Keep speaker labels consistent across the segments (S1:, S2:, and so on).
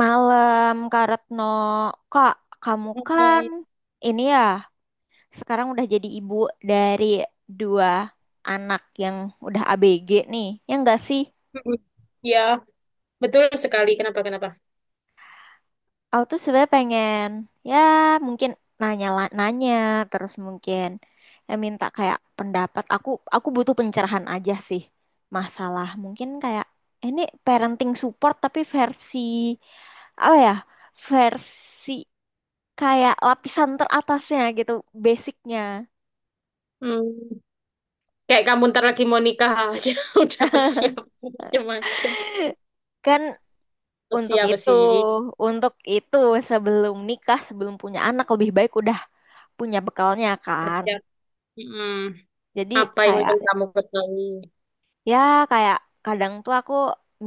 S1: Malam, Kak Retno. Kak, kamu kan
S2: Baik.
S1: ini ya, sekarang udah jadi ibu dari dua anak yang udah ABG nih. Ya enggak sih?
S2: Mm-mm. Ya, betul sekali. Kenapa, kenapa?
S1: Aku tuh sebenarnya pengen, ya mungkin nanya-nanya, terus mungkin ya minta kayak pendapat. Aku butuh pencerahan aja sih. Masalah mungkin kayak "Eh, ini parenting support tapi versi apa ya? Versi kayak lapisan teratasnya gitu, basicnya."
S2: Hmm, Kayak kamu ntar lagi mau nikah aja udah bersiap macam-macam.
S1: Kan untuk
S2: Siap
S1: itu,
S2: sih.
S1: untuk itu sebelum nikah, sebelum punya anak lebih baik udah punya bekalnya kan.
S2: Siap. Mm-mm.
S1: Jadi
S2: Apa yang
S1: kayak
S2: ingin kamu ketahui?
S1: ya kayak kadang tuh aku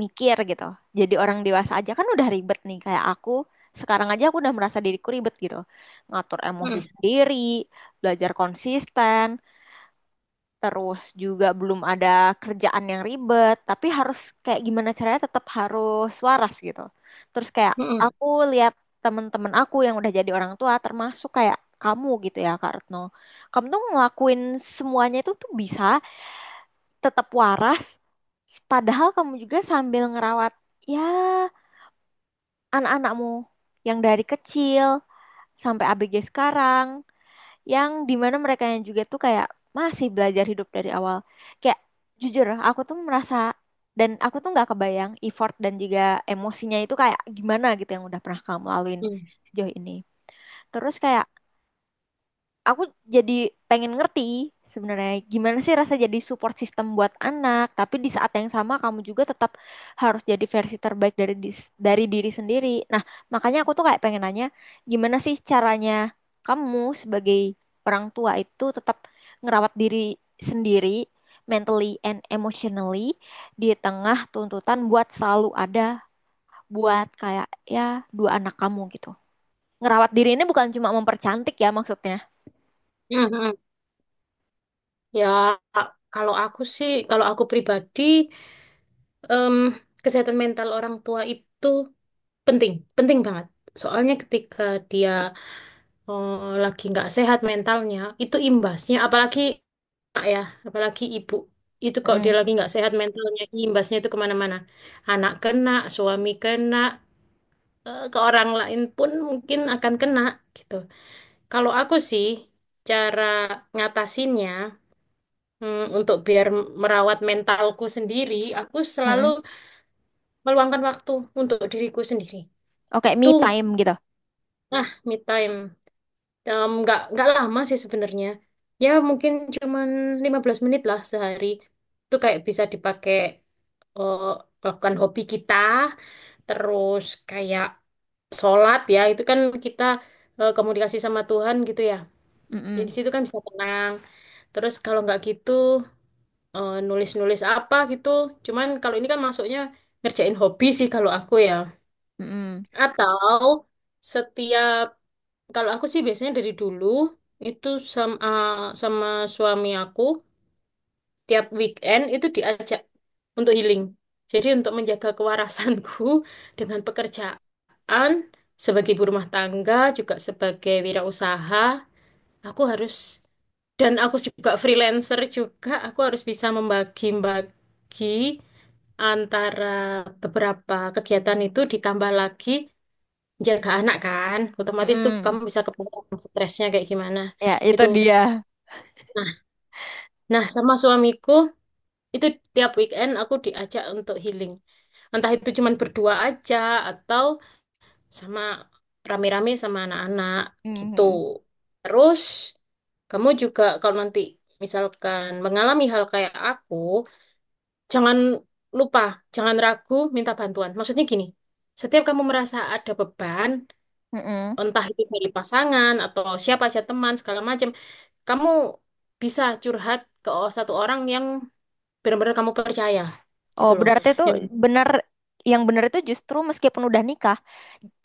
S1: mikir gitu. Jadi orang dewasa aja kan udah ribet nih kayak aku. Sekarang aja aku udah merasa diriku ribet gitu. Ngatur emosi
S2: Mm.
S1: sendiri, belajar konsisten, terus juga belum ada kerjaan yang ribet, tapi harus kayak gimana caranya tetap harus waras gitu. Terus kayak
S2: Mm-mm.
S1: aku lihat temen-temen aku yang udah jadi orang tua, termasuk kayak kamu gitu ya, Kak Retno. Kamu tuh ngelakuin semuanya itu tuh bisa tetap waras, padahal kamu juga sambil ngerawat ya anak-anakmu yang dari kecil sampai ABG sekarang yang dimana mereka yang juga tuh kayak masih belajar hidup dari awal. Kayak jujur, aku tuh merasa dan aku tuh nggak kebayang effort dan juga emosinya itu kayak gimana gitu yang udah pernah kamu laluin
S2: Mm.
S1: sejauh ini. Terus kayak aku jadi pengen ngerti sebenarnya gimana sih rasa jadi support system buat anak, tapi di saat yang sama kamu juga tetap harus jadi versi terbaik dari dari diri sendiri. Nah, makanya aku tuh kayak pengen nanya, gimana sih caranya kamu sebagai orang tua itu tetap ngerawat diri sendiri mentally and emotionally di tengah tuntutan buat selalu ada buat kayak ya dua anak kamu gitu. Ngerawat diri ini bukan cuma mempercantik ya maksudnya.
S2: Mm, mm, mm. Ya, kalau aku sih, kalau aku pribadi, em, kesehatan mental orang tua itu penting, penting banget. Soalnya ketika dia lagi nggak sehat mentalnya, itu imbasnya, apalagi anak ya, apalagi ibu. Itu kalau dia
S1: Mm,
S2: lagi nggak sehat mentalnya, imbasnya itu kemana-mana. Anak kena, suami kena, ke orang lain pun mungkin akan kena gitu. Kalau aku sih, cara ngatasinnya, untuk biar merawat mentalku sendiri, aku selalu
S1: mm-mm.
S2: meluangkan waktu untuk diriku sendiri.
S1: Oh, kayak me
S2: Itu,
S1: time gitu.
S2: me time. Nggak lama sih sebenarnya. Ya mungkin cuman 15 menit lah sehari. Itu kayak bisa dipakai eh, melakukan hobi kita. Terus kayak sholat ya. Itu kan kita komunikasi sama Tuhan gitu ya. Jadi di
S1: Mm-mm,
S2: situ kan bisa tenang. Terus kalau nggak gitu nulis-nulis apa gitu. Cuman kalau ini kan masuknya ngerjain hobi sih kalau aku ya.
S1: mm-mm,
S2: Atau setiap kalau aku sih biasanya dari dulu itu sama sama suami aku tiap weekend itu diajak untuk healing. Jadi untuk menjaga kewarasanku dengan pekerjaan sebagai ibu rumah tangga juga sebagai wirausaha, aku harus, dan aku juga freelancer juga, aku harus bisa membagi-bagi antara beberapa kegiatan itu ditambah lagi jaga anak, kan otomatis tuh
S1: mm-mm,
S2: kamu bisa kebayang stresnya kayak gimana
S1: ya, itu
S2: itu.
S1: dia.
S2: Nah nah sama suamiku, itu tiap weekend aku diajak untuk healing, entah itu cuman berdua aja atau sama rame-rame sama anak-anak, gitu.
S1: Mm-mm,
S2: Terus kamu juga kalau nanti misalkan mengalami hal kayak aku, jangan lupa, jangan ragu minta bantuan. Maksudnya gini, setiap kamu merasa ada beban,
S1: mm-mm.
S2: entah itu dari pasangan atau siapa aja, teman, segala macam, kamu bisa curhat ke satu orang yang benar-benar kamu percaya,
S1: Oh,
S2: gitu loh.
S1: berarti itu
S2: Yang ya,
S1: benar, yang benar itu justru meskipun udah nikah,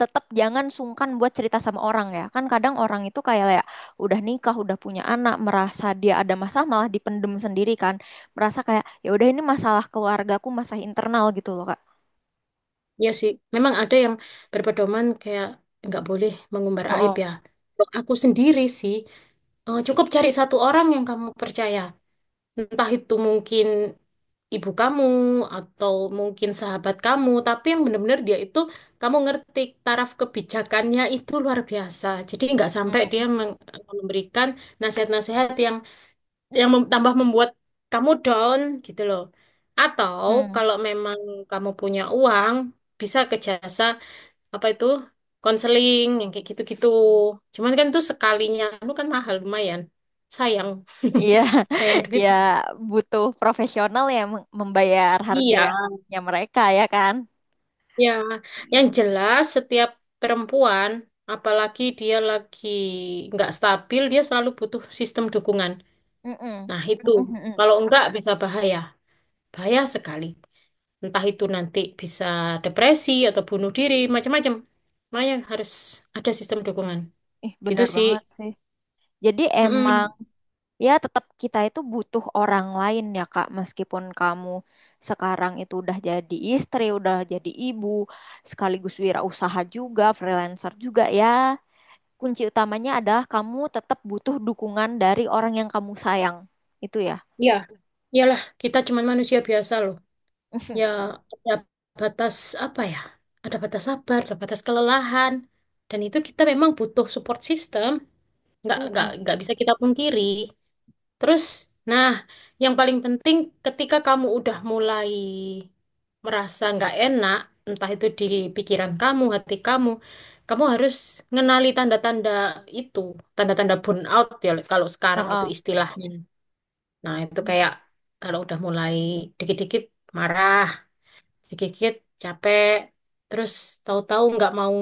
S1: tetap jangan sungkan buat cerita sama orang ya. Kan kadang orang itu kayak ya udah nikah, udah punya anak, merasa dia ada masalah malah dipendem sendiri kan. Merasa kayak ya udah ini masalah keluargaku, masalah internal gitu loh, Kak.
S2: iya sih, memang ada yang berpedoman kayak nggak boleh mengumbar aib
S1: Oh,
S2: ya. Kalau aku sendiri sih, cukup cari satu orang yang kamu percaya, entah itu mungkin ibu kamu atau mungkin sahabat kamu, tapi yang benar-benar dia itu, kamu ngerti, taraf kebijakannya itu luar biasa. Jadi nggak sampai dia memberikan nasihat-nasihat yang yang tambah membuat kamu down gitu loh. Atau
S1: oh.
S2: kalau memang kamu punya uang, bisa ke jasa apa itu, konseling yang kayak gitu-gitu. Cuman kan itu sekalinya, lu kan mahal lumayan. Sayang,
S1: Iya,
S2: sayang duit.
S1: ya butuh profesional yang membayar
S2: Iya.
S1: harganya mereka ya kan?
S2: Ya, yang jelas setiap perempuan, apalagi dia lagi nggak stabil, dia selalu butuh sistem dukungan.
S1: Mm-mm.
S2: Nah, itu.
S1: Mm-mm-mm.
S2: Kalau enggak bisa bahaya. Bahaya sekali. Entah itu nanti bisa depresi atau bunuh diri, macam-macam. Makanya harus ada sistem dukungan.
S1: Ih,
S2: Gitu
S1: bener
S2: sih.
S1: banget sih. Jadi emang
S2: Mm-mm.
S1: ya tetap kita itu butuh orang lain ya Kak, meskipun kamu sekarang itu udah jadi istri, udah jadi ibu, sekaligus wirausaha juga, freelancer juga ya. Kunci utamanya adalah kamu tetap butuh dukungan dari orang yang kamu sayang. Itu ya.
S2: Ya, iyalah kita cuma manusia biasa loh. Ya, ada batas apa ya? Ada batas sabar, ada batas kelelahan. Dan itu kita memang butuh support system. nggak nggak
S1: Mm-mm.
S2: nggak bisa kita pungkiri. Terus, nah, yang paling penting ketika kamu udah mulai merasa nggak enak, entah itu di pikiran kamu, hati kamu, kamu harus ngenali tanda-tanda itu, tanda-tanda burnout ya kalau sekarang itu
S1: Heeh.
S2: istilahnya. Nah, itu kayak kalau udah mulai dikit-dikit marah, dikit-dikit capek, terus tahu-tahu nggak mau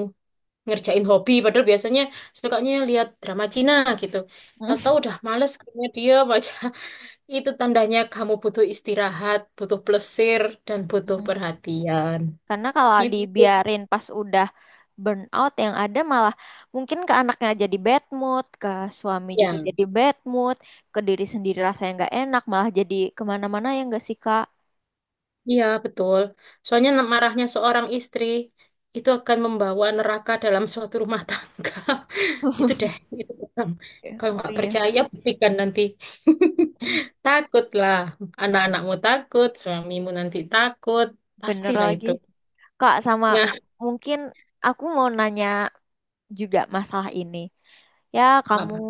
S2: ngerjain hobi padahal biasanya sukanya lihat drama Cina gitu. Tahu-tahu udah males kayaknya dia baca itu tandanya kamu butuh istirahat, butuh plesir dan butuh
S1: Mm.
S2: perhatian.
S1: Karena kalau
S2: Gitu
S1: dibiarin pas udah burn out yang ada malah mungkin ke anaknya jadi bad mood, ke suami juga
S2: ya.
S1: jadi bad mood, ke diri sendiri rasanya nggak enak, malah jadi kemana-mana ya nggak sih Kak?
S2: Iya, betul. Soalnya marahnya seorang istri itu akan membawa neraka dalam suatu rumah tangga. Itu deh, itu pegang. Kalau
S1: Oh
S2: nggak
S1: iya,
S2: percaya, buktikan nanti. Takutlah, anak-anakmu takut, suamimu nanti takut,
S1: bener
S2: pastilah
S1: lagi.
S2: itu.
S1: Kak sama
S2: Ya,
S1: mungkin aku mau nanya juga masalah ini. Ya kamu
S2: apa?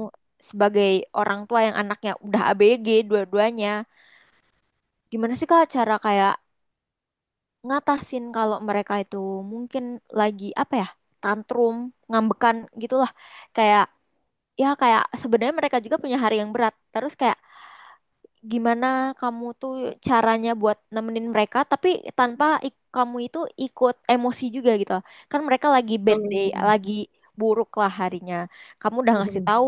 S1: sebagai orang tua yang anaknya udah ABG dua-duanya, gimana sih Kak cara kayak ngatasin kalau mereka itu mungkin lagi apa ya, tantrum, ngambekan gitulah, kayak ya kayak sebenarnya mereka juga punya hari yang berat terus kayak gimana kamu tuh caranya buat nemenin mereka tapi tanpa kamu itu ikut emosi juga gitu, kan mereka lagi bad day,
S2: Hmm,
S1: lagi buruk lah harinya, kamu udah ngasih
S2: mhm.
S1: tahu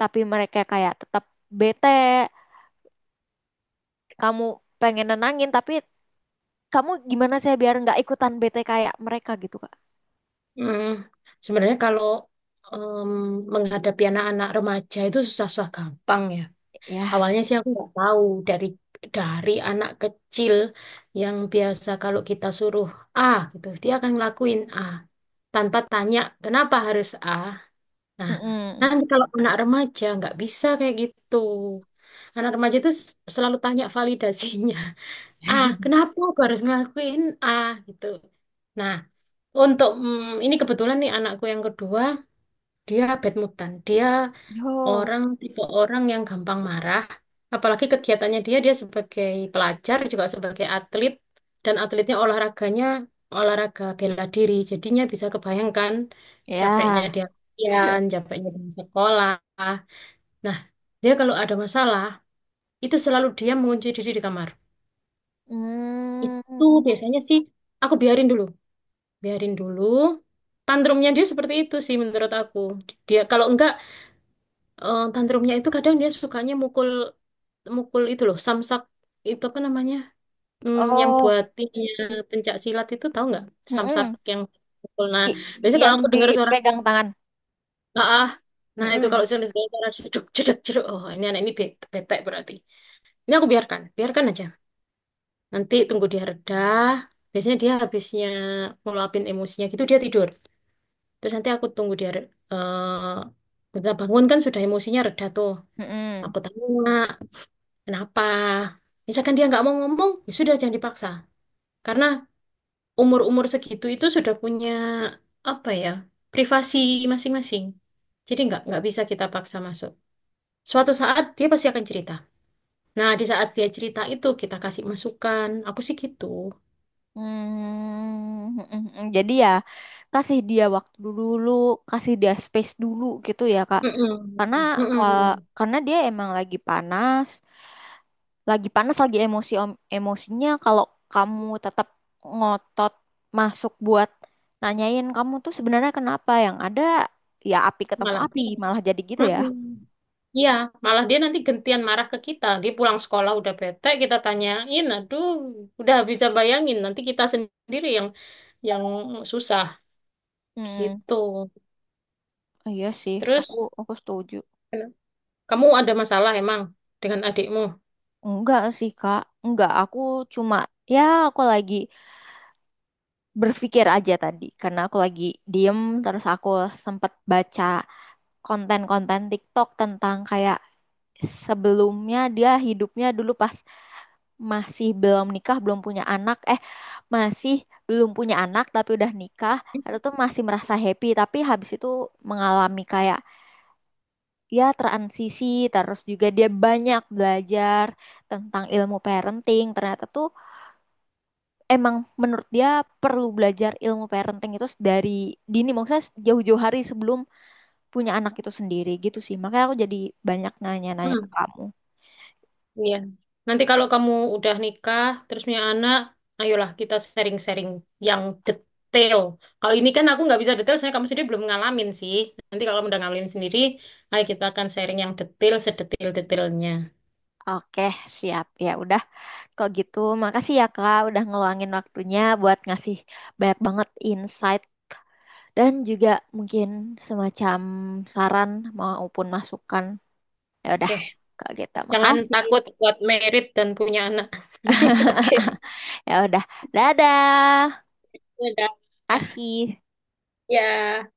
S1: tapi mereka kayak tetap bete, kamu pengen nenangin tapi kamu gimana sih biar nggak ikutan bete kayak mereka gitu Kak.
S2: Hmm, Sebenarnya kalau em, menghadapi anak-anak remaja itu susah-susah gampang ya.
S1: Ya,
S2: Awalnya sih aku nggak tahu, dari dari anak kecil yang biasa kalau kita suruh A gitu, dia akan ngelakuin A tanpa tanya kenapa harus A. Nah,
S1: mm-mm.
S2: nanti kalau anak remaja nggak bisa kayak gitu. Anak remaja itu selalu tanya validasinya. A, kenapa aku harus ngelakuin A gitu. Nah, untuk ini kebetulan nih anakku yang kedua, dia bad mutan. Dia
S1: Oh,
S2: orang, tipe orang yang gampang marah. Apalagi kegiatannya dia dia sebagai pelajar juga sebagai atlet, dan atletnya olahraganya olahraga bela diri. Jadinya bisa kebayangkan capeknya
S1: ya.
S2: dia latihan, capeknya di sekolah. Nah, dia kalau ada masalah itu selalu dia mengunci diri di kamar. Itu
S1: Mm.
S2: biasanya sih aku biarin dulu. Biarin dulu, tantrumnya dia seperti itu sih menurut aku. Dia kalau enggak tantrumnya itu kadang dia sukanya mukul, mukul itu loh samsak, itu apa namanya, yang
S1: Oh,
S2: buat ininya pencak silat itu, tahu nggak, samsak
S1: mm-mm.
S2: yang mukul. Nah,
S1: i-
S2: biasanya
S1: yang
S2: kalau aku dengar suara
S1: dipegang tangan.
S2: ah, ah, nah itu
S1: Mm-mm.
S2: kalau suara, suara jeduk jeduk jeduk, oh ini anak ini bete, bete berarti. Ini aku biarkan, biarkan aja, nanti tunggu dia reda. Biasanya dia habisnya ngeluapin emosinya gitu, dia tidur. Terus nanti aku tunggu dia, bentar bangun kan sudah emosinya reda tuh.
S1: Mm-mm.
S2: Aku tanya, kenapa? Misalkan dia nggak mau ngomong, ya sudah jangan dipaksa. Karena umur-umur segitu itu sudah punya apa ya, privasi masing-masing. Jadi nggak bisa kita paksa masuk. Suatu saat dia pasti akan cerita. Nah, di saat dia cerita itu kita kasih masukan. Aku sih gitu.
S1: Mm. Mm-mm. Jadi ya kasih dia waktu dulu, kasih dia space dulu gitu ya Kak.
S2: Mm-mm.
S1: Karena
S2: Mm-mm.
S1: karena dia emang lagi panas, lagi panas lagi emosi, emosinya kalau kamu tetap ngotot masuk buat nanyain kamu tuh sebenarnya kenapa, yang ada ya api ketemu
S2: Malah.
S1: api malah jadi gitu ya.
S2: Mm-mm. Iya, malah dia nanti gentian marah ke kita. Dia pulang sekolah udah bete, kita tanyain, aduh, udah bisa bayangin. Nanti kita sendiri yang yang susah
S1: Hmm,
S2: gitu.
S1: iya sih, aku
S2: Terus
S1: aku setuju.
S2: kamu ada masalah emang dengan adikmu?
S1: Enggak sih Kak, enggak, aku cuma ya aku lagi berpikir aja tadi karena aku lagi diem terus aku sempet baca konten-konten TikTok tentang kayak sebelumnya dia hidupnya dulu pas masih belum nikah, belum punya anak, masih belum punya anak tapi udah nikah, atau tuh masih merasa happy tapi habis itu mengalami kayak ya transisi, terus juga dia banyak belajar tentang ilmu parenting. Ternyata tuh emang menurut dia perlu belajar ilmu parenting itu dari dini, maksudnya jauh-jauh hari sebelum punya anak itu sendiri gitu sih. Makanya aku jadi banyak nanya-nanya ke
S2: Hmm,
S1: kamu.
S2: iya. Nanti kalau kamu udah nikah, terus punya anak, ayolah kita sharing-sharing yang detail. Kalau ini kan aku nggak bisa detail, soalnya kamu sendiri belum ngalamin sih. Nanti kalau kamu udah ngalamin sendiri, ayo kita akan sharing yang detail, sedetil-detailnya.
S1: Oke, siap. Ya udah. Kok gitu, makasih ya Kak udah ngeluangin waktunya buat ngasih banyak banget insight dan juga mungkin semacam saran maupun masukan. Ya udah,
S2: Oke.
S1: Kak gitu.
S2: Jangan
S1: Makasih.
S2: takut buat merit dan punya anak. Oke,
S1: Ya udah. Dadah.
S2: udah. Ah,
S1: Kasih.
S2: ya,